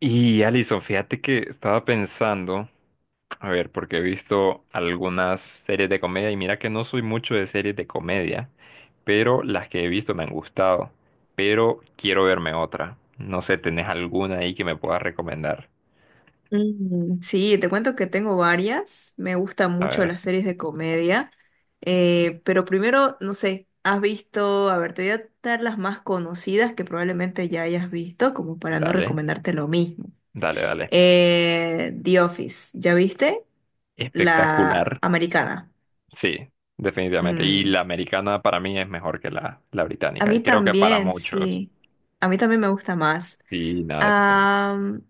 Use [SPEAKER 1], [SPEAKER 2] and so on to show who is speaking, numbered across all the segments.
[SPEAKER 1] Y Alison, fíjate que estaba pensando, a ver, porque he visto algunas series de comedia y mira que no soy mucho de series de comedia, pero las que he visto me han gustado, pero quiero verme otra. No sé, ¿tenés alguna ahí que me puedas recomendar?
[SPEAKER 2] Mm, sí, te cuento que tengo varias. Me gustan
[SPEAKER 1] A
[SPEAKER 2] mucho
[SPEAKER 1] ver,
[SPEAKER 2] las series de comedia. Pero primero, no sé, has visto, a ver, te voy a dar las más conocidas que probablemente ya hayas visto, como para no
[SPEAKER 1] dale,
[SPEAKER 2] recomendarte lo mismo.
[SPEAKER 1] dale, dale.
[SPEAKER 2] The Office, ¿ya viste? La
[SPEAKER 1] Espectacular.
[SPEAKER 2] americana.
[SPEAKER 1] Sí, definitivamente. Y
[SPEAKER 2] Mm,
[SPEAKER 1] la americana para mí es mejor que la
[SPEAKER 2] A
[SPEAKER 1] británica y
[SPEAKER 2] mí
[SPEAKER 1] creo que para
[SPEAKER 2] también,
[SPEAKER 1] muchos.
[SPEAKER 2] sí. A mí también me gusta más.
[SPEAKER 1] Sí, nada,
[SPEAKER 2] Am,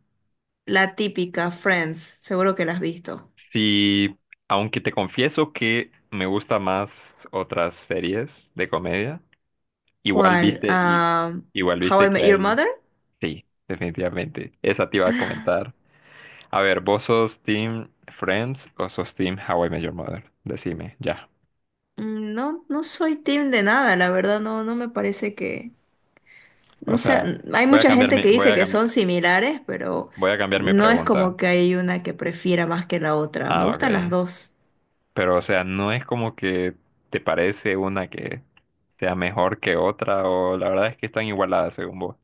[SPEAKER 2] la típica, Friends, seguro que la has visto.
[SPEAKER 1] sí, aunque te confieso que me gusta más otras series de comedia, igual. Ah,
[SPEAKER 2] ¿Cuál?
[SPEAKER 1] viste, y,
[SPEAKER 2] Ah,
[SPEAKER 1] igual
[SPEAKER 2] How
[SPEAKER 1] viste
[SPEAKER 2] I
[SPEAKER 1] que
[SPEAKER 2] Met Your
[SPEAKER 1] hay,
[SPEAKER 2] Mother.
[SPEAKER 1] sí, definitivamente. Esa te iba a comentar. A ver, ¿vos sos Team Friends o sos Team How I Met Your Mother? Decime, ya.
[SPEAKER 2] No, no soy team de nada, la verdad, no, no me parece que,
[SPEAKER 1] O
[SPEAKER 2] no sé,
[SPEAKER 1] sea,
[SPEAKER 2] hay
[SPEAKER 1] voy a
[SPEAKER 2] mucha
[SPEAKER 1] cambiar
[SPEAKER 2] gente
[SPEAKER 1] mi,
[SPEAKER 2] que
[SPEAKER 1] voy
[SPEAKER 2] dice
[SPEAKER 1] a
[SPEAKER 2] que son
[SPEAKER 1] cambiar,
[SPEAKER 2] similares, pero
[SPEAKER 1] voy a cambiar mi
[SPEAKER 2] no es
[SPEAKER 1] pregunta.
[SPEAKER 2] como que hay una que prefiera más que la otra. Me
[SPEAKER 1] Ah,
[SPEAKER 2] gustan las
[SPEAKER 1] ok.
[SPEAKER 2] dos.
[SPEAKER 1] Pero, o sea, no es como que te parece una que sea mejor que otra, o la verdad es que están igualadas según vos.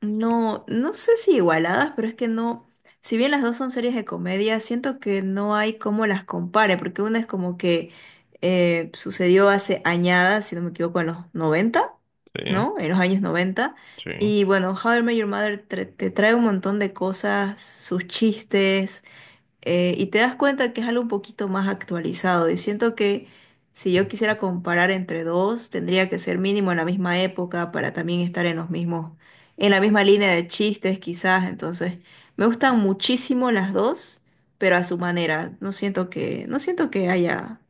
[SPEAKER 2] No, no sé si igualadas, pero es que no, si bien las dos son series de comedia, siento que no hay cómo las compare, porque una es como que sucedió hace añadas, si no me equivoco, en los 90,
[SPEAKER 1] Sí,
[SPEAKER 2] ¿no? En los años 90.
[SPEAKER 1] sí.
[SPEAKER 2] Y bueno, How I Met Your Mother te trae un montón de cosas, sus chistes, y te das cuenta que es algo un poquito más actualizado. Y siento que si yo quisiera comparar entre dos, tendría que ser mínimo en la misma época para también estar en los mismos, en la misma línea de chistes, quizás. Entonces, me gustan muchísimo las dos, pero a su manera. No siento que haya,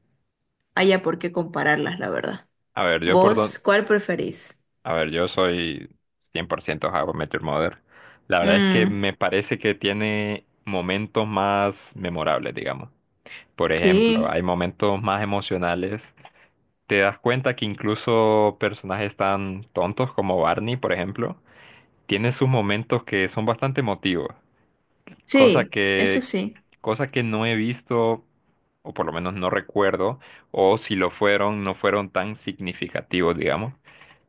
[SPEAKER 2] haya por qué compararlas, la verdad.
[SPEAKER 1] A ver, yo por don...
[SPEAKER 2] ¿Vos cuál preferís?
[SPEAKER 1] A ver, yo soy 100% How I Met Your Mother. La verdad es que
[SPEAKER 2] Mm,
[SPEAKER 1] me parece que tiene momentos más memorables, digamos. Por ejemplo,
[SPEAKER 2] sí,
[SPEAKER 1] hay momentos más emocionales. Te das cuenta que incluso personajes tan tontos como Barney, por ejemplo, tienen sus momentos que son bastante emotivos. Cosa
[SPEAKER 2] sí, eso
[SPEAKER 1] que,
[SPEAKER 2] sí.
[SPEAKER 1] cosa que no he visto, o por lo menos no recuerdo, o si lo fueron, no fueron tan significativos, digamos.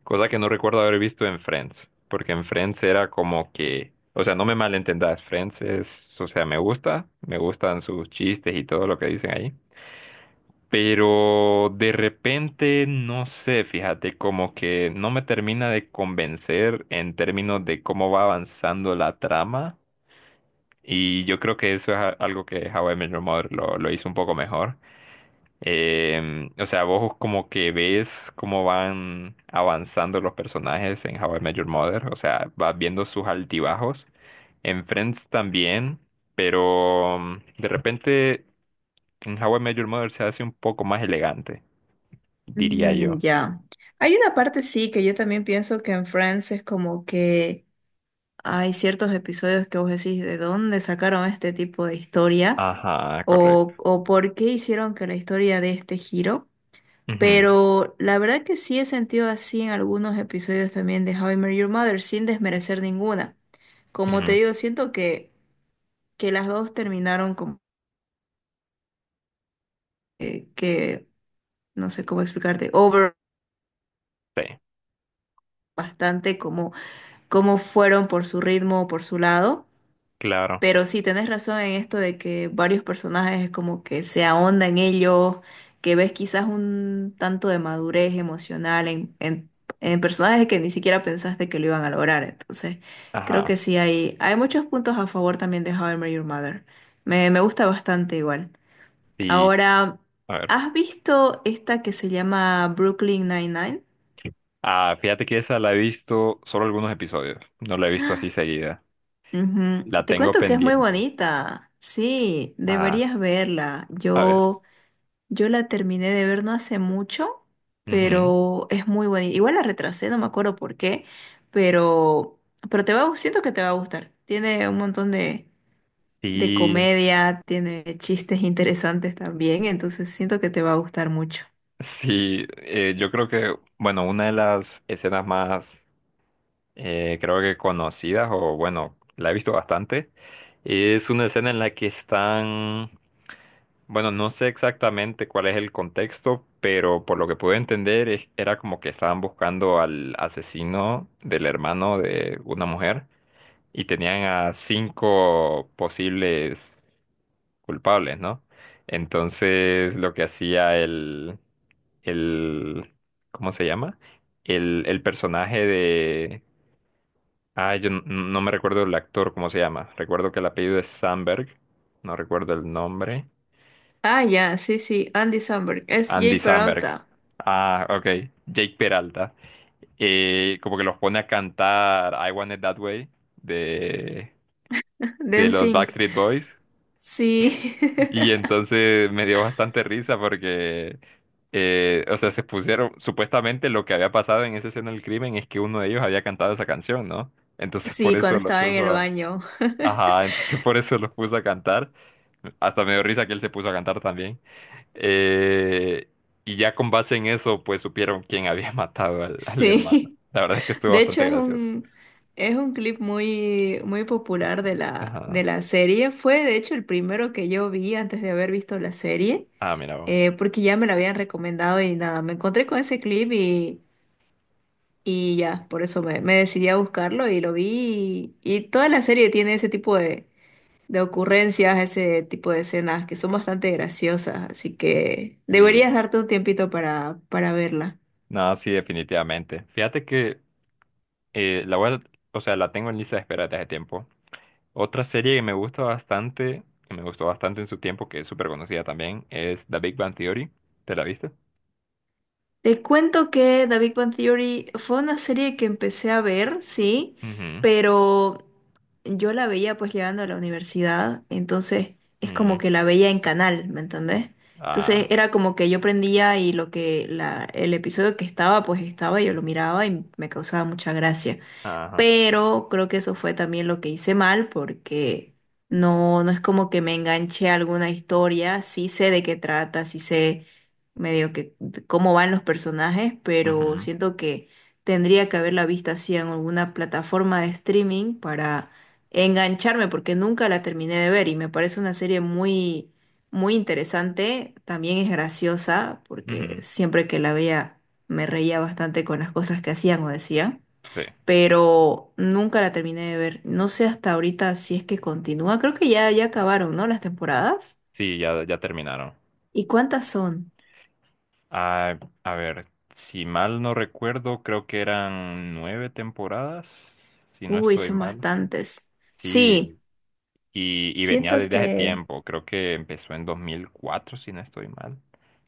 [SPEAKER 1] Cosa que no recuerdo haber visto en Friends, porque en Friends era como que, o sea, no me malentendas, Friends es, o sea, me gusta, me gustan sus chistes y todo lo que dicen ahí, pero de repente, no sé, fíjate, como que no me termina de convencer en términos de cómo va avanzando la trama. Y yo creo que eso es algo que How I Met Your Mother lo hizo un poco mejor. O sea, vos como que ves cómo van avanzando los personajes en How I Met Your Mother. O sea, vas viendo sus altibajos. En Friends también, pero de repente en How I Met Your Mother se hace un poco más elegante, diría
[SPEAKER 2] Mm,
[SPEAKER 1] yo.
[SPEAKER 2] ya. Hay una parte sí que yo también pienso que en Friends es como que hay ciertos episodios que vos decís de dónde sacaron este tipo de historia
[SPEAKER 1] Ajá, correcto.
[SPEAKER 2] o por qué hicieron que la historia dé este giro.
[SPEAKER 1] Ujú,
[SPEAKER 2] Pero la verdad que sí he sentido así en algunos episodios también de How I Met Your Mother sin desmerecer ninguna. Como te
[SPEAKER 1] ujú,
[SPEAKER 2] digo, siento que las dos terminaron como que, no sé cómo explicarte, over
[SPEAKER 1] sí,
[SPEAKER 2] bastante cómo fueron por su ritmo o por su lado.
[SPEAKER 1] claro.
[SPEAKER 2] Pero sí, tenés razón en esto de que varios personajes es como que se ahondan en ellos, que ves quizás un tanto de madurez emocional en personajes que ni siquiera pensaste que lo iban a lograr. Entonces, creo
[SPEAKER 1] Ajá,
[SPEAKER 2] que sí hay muchos puntos a favor también de How I Met Your Mother. Me gusta bastante igual.
[SPEAKER 1] sí.
[SPEAKER 2] Ahora,
[SPEAKER 1] A ver.
[SPEAKER 2] ¿has visto esta que se llama Brooklyn Nine-Nine?
[SPEAKER 1] Ah, fíjate que esa la he visto solo algunos episodios. No la he visto así seguida.
[SPEAKER 2] Ujú.
[SPEAKER 1] La
[SPEAKER 2] Te
[SPEAKER 1] tengo
[SPEAKER 2] cuento que es muy
[SPEAKER 1] pendiente.
[SPEAKER 2] bonita. Sí,
[SPEAKER 1] Ah,
[SPEAKER 2] deberías verla.
[SPEAKER 1] a ver.
[SPEAKER 2] Yo la terminé de ver no hace mucho,
[SPEAKER 1] Ujú.
[SPEAKER 2] pero, es muy bonita. Igual la retrasé, no me acuerdo por qué, pero, pero te va, a gu- siento que te va a gustar. Tiene un montón de
[SPEAKER 1] Sí,
[SPEAKER 2] comedia, tiene chistes interesantes también, entonces siento que te va a gustar mucho.
[SPEAKER 1] sí, yo creo que, bueno, una de las escenas más, creo que conocidas, o bueno, la he visto bastante, es una escena en la que están, bueno, no sé exactamente cuál es el contexto, pero por lo que pude entender, era como que estaban buscando al asesino del hermano de una mujer, y tenían a 5 posibles culpables, ¿no? Entonces lo que hacía el, ¿cómo se llama? El personaje de, ah, yo no, no me recuerdo el actor, ¿cómo se llama? Recuerdo que el apellido es Sandberg, no recuerdo el nombre,
[SPEAKER 2] Ah, ya, sí, sí, Andy Samberg, es Jay
[SPEAKER 1] Andy Samberg.
[SPEAKER 2] Peralta,
[SPEAKER 1] Ah, ok, Jake Peralta, como que los pone a cantar I Want It That Way de,
[SPEAKER 2] de
[SPEAKER 1] de los
[SPEAKER 2] NSYNC.
[SPEAKER 1] Backstreet Boys.
[SPEAKER 2] Sí.
[SPEAKER 1] Y entonces me dio bastante risa porque, o sea, se pusieron, supuestamente lo que había pasado en esa escena del crimen es que uno de ellos había cantado esa canción, ¿no? Entonces por
[SPEAKER 2] Sí, cuando
[SPEAKER 1] eso lo
[SPEAKER 2] estaba en
[SPEAKER 1] puso
[SPEAKER 2] el
[SPEAKER 1] a...
[SPEAKER 2] baño.
[SPEAKER 1] Ajá, entonces por eso lo puso a cantar. Hasta me dio risa que él se puso a cantar también. Eh, y ya con base en eso, pues supieron quién había matado al hermano.
[SPEAKER 2] Sí,
[SPEAKER 1] La verdad es que estuvo
[SPEAKER 2] de hecho
[SPEAKER 1] bastante
[SPEAKER 2] es
[SPEAKER 1] gracioso.
[SPEAKER 2] un, es un clip muy, muy popular de la,
[SPEAKER 1] Ajá.
[SPEAKER 2] de la serie. Fue de hecho el primero que yo vi antes de haber visto la serie,
[SPEAKER 1] Ah, mira vos.
[SPEAKER 2] porque ya me la habían recomendado y nada, me encontré con ese clip y ya, por eso me decidí a buscarlo y lo vi. Y toda la serie tiene ese tipo de ocurrencias, ese tipo de escenas que son bastante graciosas, así que deberías
[SPEAKER 1] Sí.
[SPEAKER 2] darte un tiempito para verla.
[SPEAKER 1] No, sí, definitivamente. Fíjate que Eh, la voy a- o sea, la tengo en lista de espera desde hace tiempo. Otra serie que me gusta bastante, que me gustó bastante en su tiempo, que es súper conocida también, es The Big Bang Theory. ¿Te la viste?
[SPEAKER 2] Te cuento que The Big Bang Theory fue una serie que empecé a ver, sí,
[SPEAKER 1] Ujú,
[SPEAKER 2] pero yo la veía pues llegando a la universidad, entonces es como
[SPEAKER 1] mm,
[SPEAKER 2] que la veía en canal, ¿me entendés? Entonces
[SPEAKER 1] ah,
[SPEAKER 2] era como que yo prendía y el episodio que estaba, pues estaba, yo lo miraba y me causaba mucha gracia,
[SPEAKER 1] ajá,
[SPEAKER 2] pero creo que eso fue también lo que hice mal porque no, no es como que me enganché a alguna historia, sí sé de qué trata, sí sé medio que de cómo van los personajes, pero
[SPEAKER 1] ujú,
[SPEAKER 2] siento que tendría que haberla visto así en alguna plataforma de streaming para engancharme porque nunca la terminé de ver y me parece una serie muy, muy interesante, también es graciosa porque
[SPEAKER 1] ujú,
[SPEAKER 2] siempre que la veía me reía bastante con las cosas que hacían o decían,
[SPEAKER 1] sí,
[SPEAKER 2] pero nunca la terminé de ver. No sé hasta ahorita si es que continúa. Creo que ya, ya acabaron, ¿no? Las temporadas.
[SPEAKER 1] sí, ya, ya terminaron.
[SPEAKER 2] ¿Y cuántas son?
[SPEAKER 1] Ah, a ver, si mal no recuerdo, creo que eran 9 temporadas, si no
[SPEAKER 2] Uy,
[SPEAKER 1] estoy
[SPEAKER 2] son
[SPEAKER 1] mal.
[SPEAKER 2] bastantes. Sí,
[SPEAKER 1] Sí, y venía
[SPEAKER 2] siento
[SPEAKER 1] desde hace
[SPEAKER 2] que
[SPEAKER 1] tiempo, creo que empezó en 2004 si no estoy mal.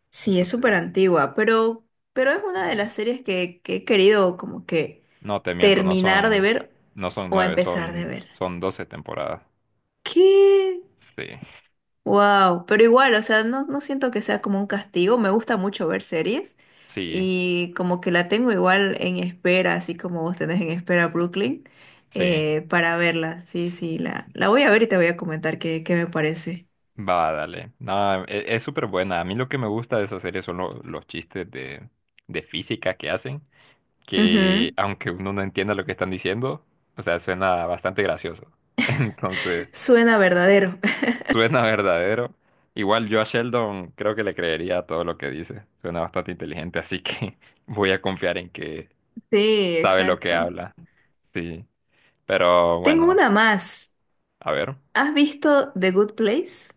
[SPEAKER 2] sí, es súper
[SPEAKER 1] Entonces,
[SPEAKER 2] antigua, pero es una de
[SPEAKER 1] mm,
[SPEAKER 2] las series que he querido como que
[SPEAKER 1] no te miento, no
[SPEAKER 2] terminar de
[SPEAKER 1] son,
[SPEAKER 2] ver
[SPEAKER 1] no son
[SPEAKER 2] o
[SPEAKER 1] 9,
[SPEAKER 2] empezar de
[SPEAKER 1] son,
[SPEAKER 2] ver.
[SPEAKER 1] son 12 temporadas.
[SPEAKER 2] ¿Qué?
[SPEAKER 1] Sí,
[SPEAKER 2] Wow, pero igual, o sea, no, no siento que sea como un castigo, me gusta mucho ver series
[SPEAKER 1] sí,
[SPEAKER 2] y como que la tengo igual en espera, así como vos tenés en espera Brooklyn,
[SPEAKER 1] sí.
[SPEAKER 2] para verla. Sí, sí, la voy a ver y te voy a comentar qué me parece.
[SPEAKER 1] Va, dale. No, es súper buena. A mí lo que me gusta de esa serie son los chistes de física que hacen, que
[SPEAKER 2] Ujú,
[SPEAKER 1] aunque uno no entienda lo que están diciendo, o sea, suena bastante gracioso. Entonces,
[SPEAKER 2] suena verdadero.
[SPEAKER 1] suena verdadero. Igual yo a Sheldon creo que le creería todo lo que dice. Suena bastante inteligente, así que voy a confiar en que
[SPEAKER 2] Sí,
[SPEAKER 1] sabe lo que
[SPEAKER 2] exacto.
[SPEAKER 1] habla. Sí. Pero
[SPEAKER 2] Tengo
[SPEAKER 1] bueno,
[SPEAKER 2] una más.
[SPEAKER 1] a ver.
[SPEAKER 2] ¿Has visto The Good Place?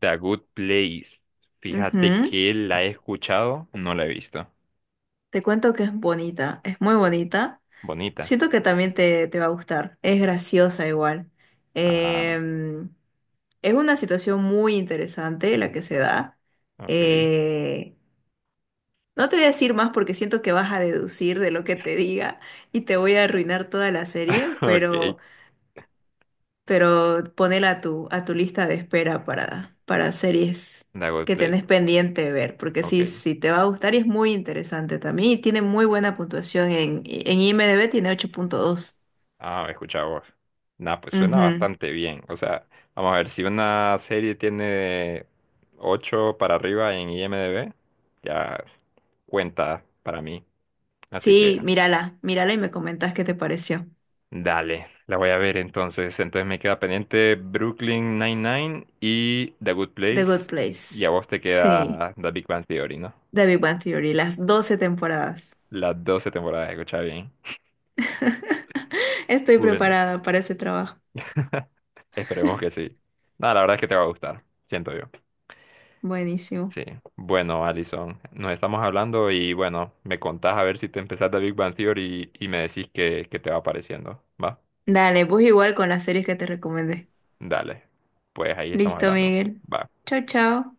[SPEAKER 1] The Good Place. Fíjate
[SPEAKER 2] Ujú,
[SPEAKER 1] que la he escuchado, no la he visto.
[SPEAKER 2] te cuento que es bonita, es muy bonita.
[SPEAKER 1] Bonita.
[SPEAKER 2] Siento que también te va a gustar. Es graciosa igual.
[SPEAKER 1] Ah,
[SPEAKER 2] Em, es una situación muy interesante la que se da.
[SPEAKER 1] ok.
[SPEAKER 2] Eh, no te voy a decir más porque siento que vas a deducir de lo que te diga y te voy a arruinar toda la serie,
[SPEAKER 1] Ok.
[SPEAKER 2] pero ponela a tu, lista de espera para series
[SPEAKER 1] The Good
[SPEAKER 2] que
[SPEAKER 1] Place.
[SPEAKER 2] tenés pendiente de ver, porque sí,
[SPEAKER 1] Ok.
[SPEAKER 2] sí te va a gustar y es muy interesante también y tiene muy buena puntuación en IMDb, tiene 8,2.
[SPEAKER 1] Ah, he escuchado vos. Nah, pues suena
[SPEAKER 2] Ujú.
[SPEAKER 1] bastante bien. O sea, vamos a ver, si una serie tiene 8 para arriba en IMDb, ya cuenta para mí. Así que
[SPEAKER 2] Sí, mírala, mírala y me comentas qué te pareció.
[SPEAKER 1] dale, la voy a ver entonces. Entonces me queda pendiente Brooklyn Nine-Nine y The Good
[SPEAKER 2] The Good
[SPEAKER 1] Place. Y
[SPEAKER 2] Place.
[SPEAKER 1] a vos te
[SPEAKER 2] Sí,
[SPEAKER 1] queda The Big Bang Theory, ¿no?
[SPEAKER 2] The Big Bang Theory, las 12 temporadas.
[SPEAKER 1] Las 12 temporadas, escucha bien.
[SPEAKER 2] Estoy
[SPEAKER 1] Bueno,
[SPEAKER 2] preparada para ese trabajo.
[SPEAKER 1] esperemos que sí. No, la verdad es que te va a gustar, siento yo.
[SPEAKER 2] Buenísimo.
[SPEAKER 1] Sí. Bueno, Alison, nos estamos hablando y bueno, me contás a ver si te empezás The Big Bang Theory y me decís qué qué te va pareciendo. ¿Va?
[SPEAKER 2] Dale, pues igual con las series que te recomendé.
[SPEAKER 1] Dale. Pues ahí estamos
[SPEAKER 2] Listo,
[SPEAKER 1] hablando.
[SPEAKER 2] Miguel.
[SPEAKER 1] Va.
[SPEAKER 2] Chao, chao.